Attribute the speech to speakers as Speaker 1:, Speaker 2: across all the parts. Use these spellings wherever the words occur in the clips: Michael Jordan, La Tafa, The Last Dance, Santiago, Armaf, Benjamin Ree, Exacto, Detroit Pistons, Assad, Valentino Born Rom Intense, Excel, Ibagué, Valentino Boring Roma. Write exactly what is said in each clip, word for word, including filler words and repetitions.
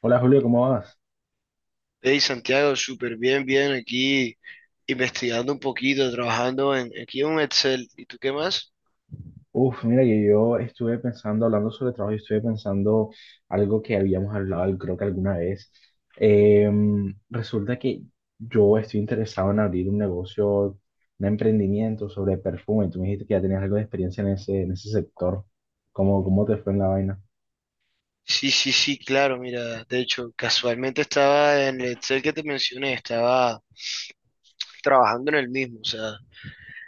Speaker 1: Hola Julio, ¿cómo vas?
Speaker 2: Hey Santiago, súper bien, bien aquí investigando un poquito, trabajando en aquí en un Excel. ¿Y tú qué más?
Speaker 1: Uf, mira que yo estuve pensando, hablando sobre trabajo, y estuve pensando algo que habíamos hablado, creo que alguna vez. Em, resulta que yo estoy interesado en abrir un negocio, un emprendimiento sobre perfume. Tú me dijiste que ya tenías algo de experiencia en ese, en ese sector. ¿Cómo, cómo te fue en la vaina?
Speaker 2: Sí, sí, sí, claro, mira, de hecho, casualmente estaba en el Excel que te mencioné, estaba trabajando en el mismo, o sea,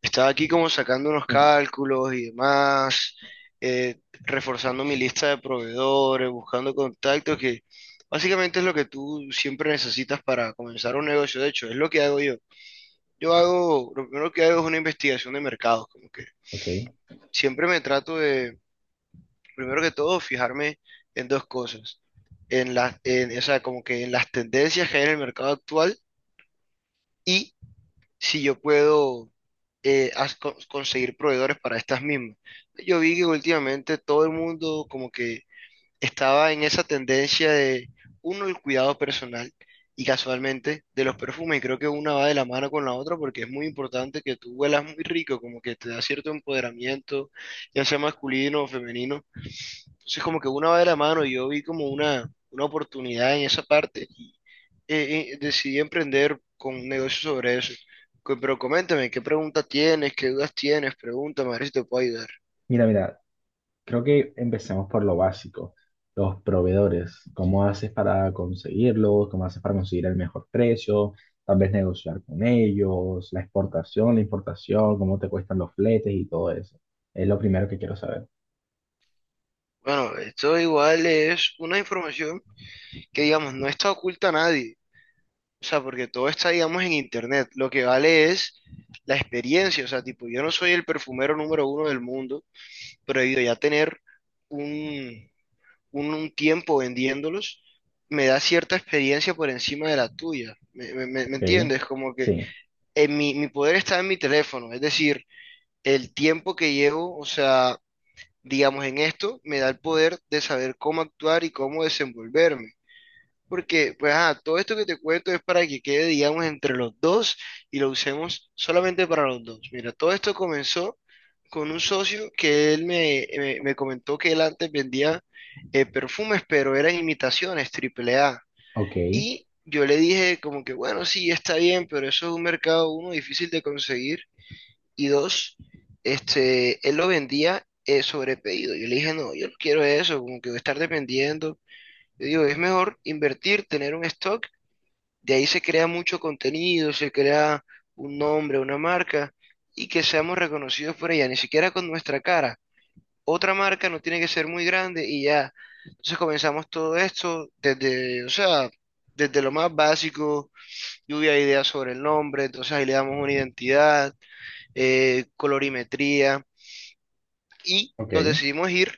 Speaker 2: estaba aquí como sacando unos
Speaker 1: Mm.
Speaker 2: cálculos y demás, eh, reforzando mi lista de proveedores, buscando contactos, que básicamente es lo que tú siempre necesitas para comenzar un negocio, de hecho, es lo que hago yo. Yo hago, lo primero que hago es una investigación de mercados,
Speaker 1: Ok.
Speaker 2: siempre me trato de, primero que todo, fijarme en dos cosas. En las, en, o sea, como que en las tendencias que hay en el mercado actual y si yo puedo eh, as- con- conseguir proveedores para estas mismas. Yo vi que últimamente todo el mundo como que estaba en esa tendencia de, uno, el cuidado personal y casualmente de los perfumes. Y creo que una va de la mano con la otra porque es muy importante que tú huelas muy rico, como que te da cierto empoderamiento, ya sea masculino o femenino. Entonces como que una va de la mano y yo vi como una, una oportunidad en esa parte y eh, eh, decidí emprender con un negocio sobre eso. Co- Pero coméntame, ¿qué preguntas tienes? ¿Qué dudas tienes? Pregúntame, a ver si te puedo ayudar.
Speaker 1: Mira, mira, creo que empecemos por lo básico, los proveedores. ¿Cómo haces para conseguirlos? ¿Cómo haces para conseguir el mejor precio? Tal vez negociar con ellos, la exportación, la importación, cómo te cuestan los fletes y todo eso. Es lo primero que quiero saber.
Speaker 2: Bueno, esto igual es una información que digamos, no está oculta a nadie. O sea, porque todo está, digamos, en internet. Lo que vale es la experiencia. O sea, tipo, yo no soy el perfumero número uno del mundo, pero debido ya a tener un, un, un tiempo vendiéndolos, me da cierta experiencia por encima de la tuya. ¿Me, me- me- me
Speaker 1: Ok,
Speaker 2: entiendes? Como que
Speaker 1: sí,
Speaker 2: en mi, mi poder está en mi teléfono. Es decir, el tiempo que llevo, o sea, digamos, en esto, me da el poder de saber cómo actuar y cómo desenvolverme. Porque, pues, ah, todo esto que te cuento es para que quede, digamos, entre los dos y lo usemos solamente para los dos. Mira, todo esto comenzó con un socio que él me, me- me comentó que él antes vendía eh, perfumes, pero eran imitaciones, triple A.
Speaker 1: ok,
Speaker 2: Y yo le dije como que, bueno, sí, está bien, pero eso es un mercado, uno, difícil de conseguir. Y dos, este, él lo vendía eh, sobre pedido. Yo le dije, no, yo no quiero eso, como que voy a estar dependiendo. Yo digo, es mejor invertir, tener un stock de ahí se crea mucho contenido, se crea un nombre, una marca y que seamos reconocidos por ella, ni siquiera con nuestra cara. Otra marca no tiene que ser muy grande y ya. Entonces comenzamos todo esto desde, o sea, desde lo más básico, lluvia de ideas sobre el nombre, entonces ahí le damos una identidad, eh, colorimetría y
Speaker 1: ok,
Speaker 2: nos decidimos ir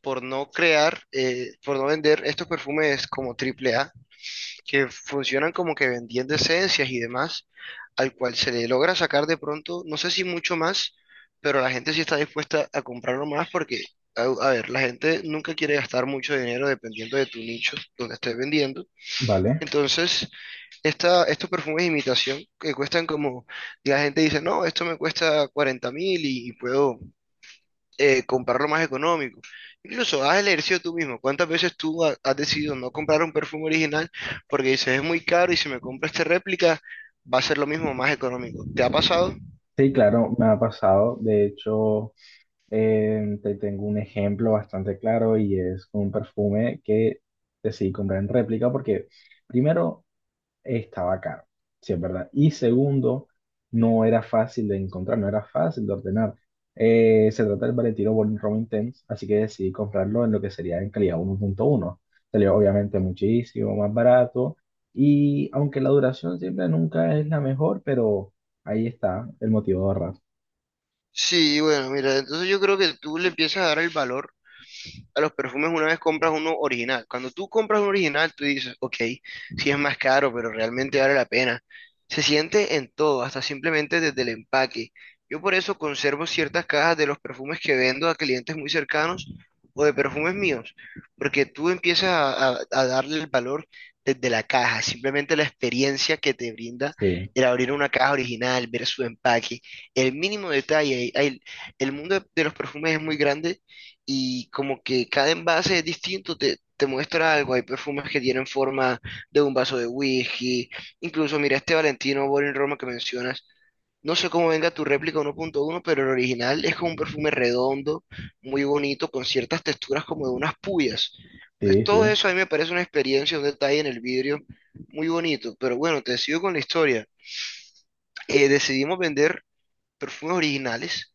Speaker 2: por no crear, eh, por no vender estos perfumes como triple A que funcionan como que vendiendo esencias y demás, al cual se le logra sacar de pronto, no sé si mucho más, pero la gente sí está dispuesta a comprarlo más porque, a, a ver, la gente nunca quiere gastar mucho dinero dependiendo de tu nicho donde estés vendiendo.
Speaker 1: vale.
Speaker 2: Entonces, esta, estos perfumes de imitación que cuestan como, y la gente dice, no, esto me cuesta cuarenta mil y, y puedo eh, comprarlo más económico. Incluso haz el ejercicio tú mismo. ¿Cuántas veces tú ha- has decidido no comprar un perfume original porque dices es muy caro y si me compro esta réplica va a ser lo mismo más económico? ¿Te ha pasado?
Speaker 1: Sí, claro, me ha pasado. De hecho, eh, te tengo un ejemplo bastante claro y es un perfume que decidí comprar en réplica porque primero, estaba caro, sí es verdad. Y segundo, no era fácil de encontrar, no era fácil de ordenar. Eh, se trata del Valentino Born Rom Intense, así que decidí comprarlo en lo que sería en calidad uno punto uno. Salió obviamente muchísimo más barato y aunque la duración siempre nunca es la mejor, pero ahí está el motivo de ahorrar.
Speaker 2: Sí, bueno, mira, entonces yo creo que tú le empiezas a dar el valor a los perfumes una vez compras uno original. Cuando tú compras un original, tú dices, ok, sí es más caro, pero realmente vale la pena. Se siente en todo, hasta simplemente desde el empaque. Yo por eso conservo ciertas cajas de los perfumes que vendo a clientes muy cercanos o de perfumes míos, porque tú empiezas a, a- a darle el valor desde la caja, simplemente la experiencia que te brinda
Speaker 1: Sí,
Speaker 2: el abrir una caja original, ver su empaque, el mínimo detalle, el, el mundo de de los perfumes es muy grande y como que cada envase es distinto, te, te muestra algo. Hay perfumes que tienen forma de un vaso de whisky. Incluso, mira, este Valentino Boring Roma que mencionas. No sé cómo venga tu réplica uno punto uno, pero el original es como un perfume redondo, muy bonito, con ciertas texturas como de unas puyas. Entonces,
Speaker 1: sí,
Speaker 2: todo
Speaker 1: sí.
Speaker 2: eso a mí me parece una experiencia, un detalle en el vidrio muy bonito. Pero bueno, te sigo con la historia. Eh, decidimos vender perfumes originales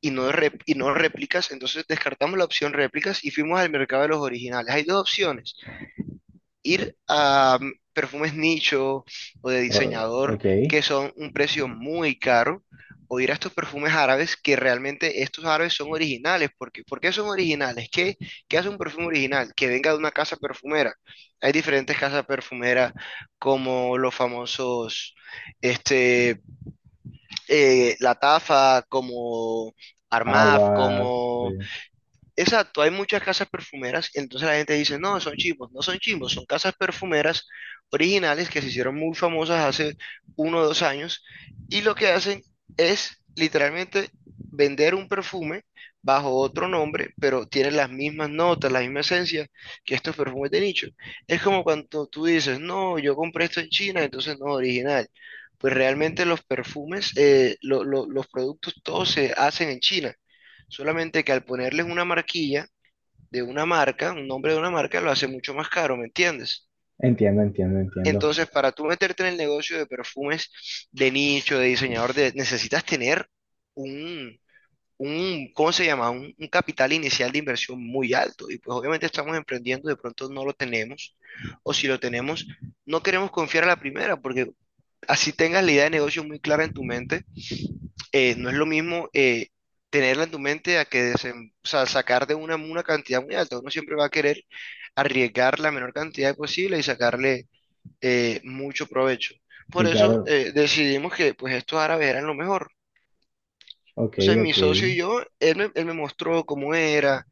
Speaker 2: y no, rep- y no réplicas, entonces descartamos la opción réplicas y fuimos al mercado de los originales. Hay dos opciones, ir a mm, perfumes nicho o de
Speaker 1: O-
Speaker 2: diseñador
Speaker 1: ok.
Speaker 2: que son un precio muy caro, o ir a estos perfumes árabes que realmente estos árabes son originales. Porque ¿por qué son originales? ¿Qué, qué hace un perfume original? Que venga de una casa perfumera. Hay diferentes casas perfumeras como los famosos, este, eh, La Tafa, como... Armaf,
Speaker 1: Aguas, sí.
Speaker 2: como... Exacto, hay muchas casas perfumeras, entonces la gente dice, no, son chimbos, no son chimbos, son casas perfumeras originales que se hicieron muy famosas hace uno o dos años y lo que hacen es literalmente vender un perfume bajo otro nombre, pero tienen las mismas notas, la misma esencia que estos perfumes de nicho. Es como cuando tú dices, no, yo compré esto en China, entonces no es original. Pues realmente los perfumes, eh, lo- lo- los productos, todos se hacen en China. Solamente que al ponerles una marquilla de una marca, un nombre de una marca, lo hace mucho más caro, ¿me entiendes?
Speaker 1: Entiendo, entiendo, entiendo.
Speaker 2: Entonces, para tú meterte en el negocio de perfumes de nicho, de diseñador, de- necesitas tener un, un, ¿cómo se llama? Un, un capital inicial de inversión muy alto. Y pues obviamente estamos emprendiendo, de pronto no lo tenemos, o si lo tenemos, no queremos confiar a la primera, porque así tengas la idea de negocio muy clara en tu mente eh, no es lo mismo eh, tenerla en tu mente a que desem- o sea, sacar de una una cantidad muy alta. Uno siempre va a querer arriesgar la menor cantidad posible y sacarle eh, mucho provecho. Por
Speaker 1: Sí,
Speaker 2: eso
Speaker 1: claro.
Speaker 2: eh, decidimos que pues estos árabes eran lo mejor.
Speaker 1: Ok,
Speaker 2: Entonces mi
Speaker 1: ok.
Speaker 2: socio y yo, él me, él me mostró cómo era,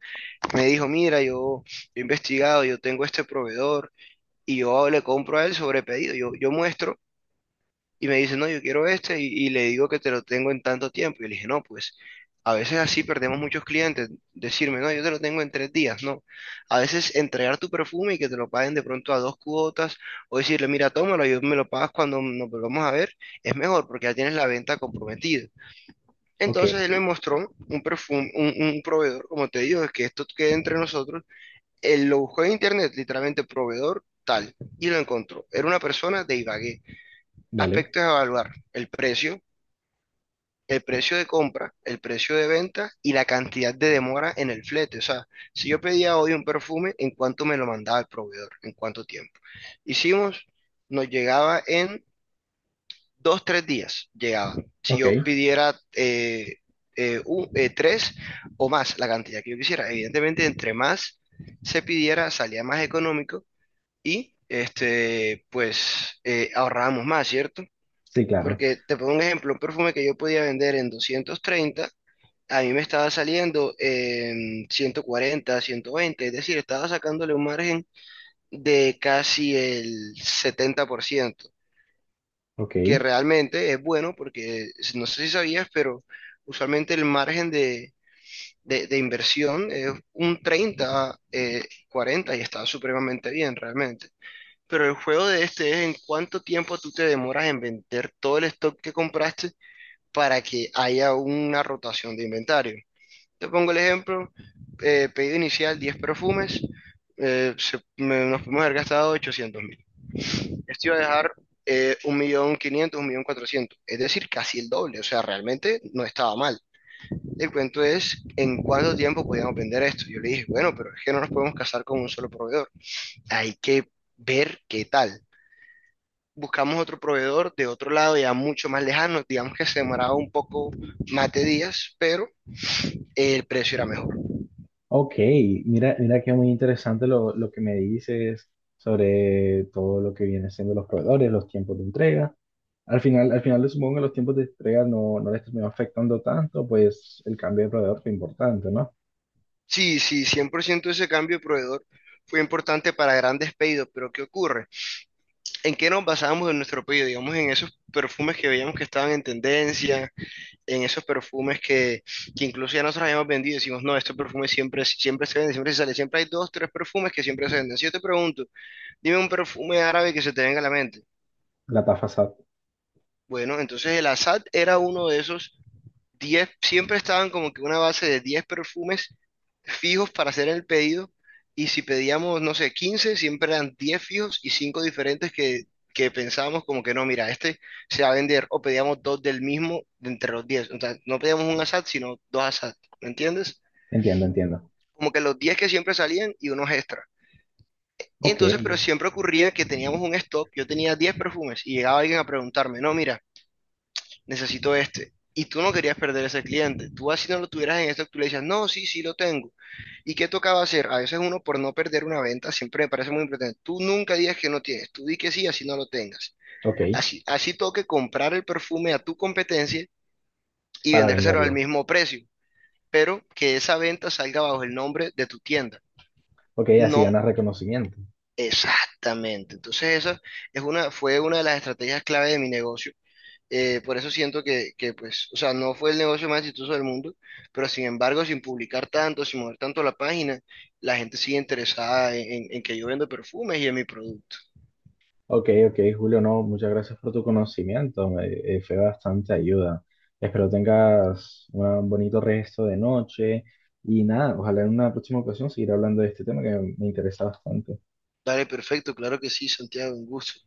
Speaker 2: me dijo, mira, yo he investigado, yo tengo este proveedor y yo le compro a él sobre pedido, yo, yo muestro y me dice, no, yo quiero este y, y le digo que te lo tengo en tanto tiempo. Y le dije, no, pues a veces así perdemos muchos clientes. Decirme, no, yo te lo tengo en tres días, no. A veces entregar tu perfume y que te lo paguen de pronto a dos cuotas o decirle, mira, tómalo, yo me lo pagas cuando nos volvamos a ver, es mejor porque ya tienes la venta comprometida.
Speaker 1: Ok,
Speaker 2: Entonces él me mostró un perfume, un, un proveedor, como te digo, es que esto quede entre nosotros. Él lo buscó en internet, literalmente proveedor tal, y lo encontró. Era una persona de Ibagué,
Speaker 1: vale.
Speaker 2: aspectos a evaluar, el precio, el precio de compra, el precio de venta y la cantidad de demora en el flete. O sea, si yo pedía hoy un perfume, ¿en cuánto me lo mandaba el proveedor? ¿En cuánto tiempo? Hicimos, nos llegaba en dos, tres días, llegaba. Si
Speaker 1: Ok.
Speaker 2: yo pidiera eh, eh, un- eh, tres o más, la cantidad que yo quisiera. Evidentemente, entre más se pidiera, salía más económico y este, pues eh, ahorrábamos más, ¿cierto?
Speaker 1: Sí, claro.
Speaker 2: Porque te pongo un ejemplo, un perfume que yo podía vender en doscientos treinta, a mí me estaba saliendo en ciento cuarenta, ciento veinte, es decir, estaba sacándole un margen de casi el setenta por ciento,
Speaker 1: Ok.
Speaker 2: que realmente es bueno porque no sé si sabías, pero usualmente el margen de, de- de inversión es un treinta, eh, cuarenta y está supremamente bien realmente. Pero el juego de este es en cuánto tiempo tú te demoras en vender todo el stock que compraste para que haya una rotación de inventario. Te pongo el ejemplo, eh, pedido inicial diez perfumes, eh, se- me- nos podemos haber gastado ochocientos mil. Esto iba a dejar eh, un millón un millón cuatrocientos mil, es decir, casi el doble, o sea, realmente no estaba mal. El cuento es en cuánto tiempo podíamos vender esto. Yo le dije, bueno, pero es que no nos podemos casar con un solo proveedor, hay que ver qué tal. Buscamos otro proveedor de otro lado ya mucho más lejano, digamos que se demoraba un poco más de días, pero el precio era mejor.
Speaker 1: Ok. Mira, mira que muy interesante lo, lo que me dices sobre todo lo que viene siendo los proveedores, los tiempos de entrega. Al final, al final supongo que los tiempos de entrega no, no les terminó afectando tanto, pues el cambio de proveedor fue importante, ¿no?
Speaker 2: Sí, sí, cien por ciento ese cambio de proveedor fue importante para grandes pedidos, pero ¿qué ocurre? ¿En qué nos basábamos en nuestro pedido? Digamos, en esos perfumes que veíamos que estaban en tendencia, en esos perfumes que, que incluso ya nosotros habíamos vendido, decimos, no, estos perfumes siempre, siempre se venden, siempre se sale, siempre hay dos, tres perfumes que siempre se venden. Si yo te pregunto, dime un perfume árabe que se te venga a la mente.
Speaker 1: La tasa S A T.
Speaker 2: Bueno, entonces el Assad era uno de esos diez siempre estaban como que una base de diez perfumes fijos para hacer el pedido. Y si pedíamos, no sé, quince siempre eran diez fijos y cinco diferentes que, que pensábamos como que no, mira, este se va a vender. O pedíamos dos del mismo de entre los diez. O sea, no pedíamos un asad, sino dos asad. ¿Me entiendes?
Speaker 1: Entiendo, entiendo.
Speaker 2: Como que los diez que siempre salían y unos extra.
Speaker 1: Ok,
Speaker 2: Entonces, pero siempre ocurría que teníamos un stock, yo tenía diez perfumes y llegaba alguien a preguntarme, no, mira, necesito este. Y tú no querías perder ese cliente. Tú así no lo tuvieras en esto, tú le decías, no, sí, sí lo tengo. ¿Y qué tocaba hacer? A veces uno por no perder una venta, siempre me parece muy importante. Tú nunca digas que no tienes, tú di que sí, así no lo tengas.
Speaker 1: ok,
Speaker 2: Así, así toque comprar el perfume a tu competencia y
Speaker 1: para
Speaker 2: vendérselo al
Speaker 1: venderlo.
Speaker 2: mismo precio, pero que esa venta salga bajo el nombre de tu tienda.
Speaker 1: Ok, así
Speaker 2: No
Speaker 1: ganas reconocimiento.
Speaker 2: exactamente. Entonces esa es una, fue una de las estrategias clave de mi negocio. Eh, por eso siento que, que, pues, o sea, no fue el negocio más exitoso del mundo, pero sin embargo, sin publicar tanto, sin mover tanto la página, la gente sigue interesada en, en- en que yo vendo perfumes y en mi producto.
Speaker 1: Ok, ok, Julio, no, muchas gracias por tu conocimiento, me eh, fue bastante ayuda. Espero tengas un bonito resto de noche y nada, ojalá en una próxima ocasión seguir hablando de este tema que me interesa bastante.
Speaker 2: Dale, perfecto, claro que sí, Santiago, un gusto.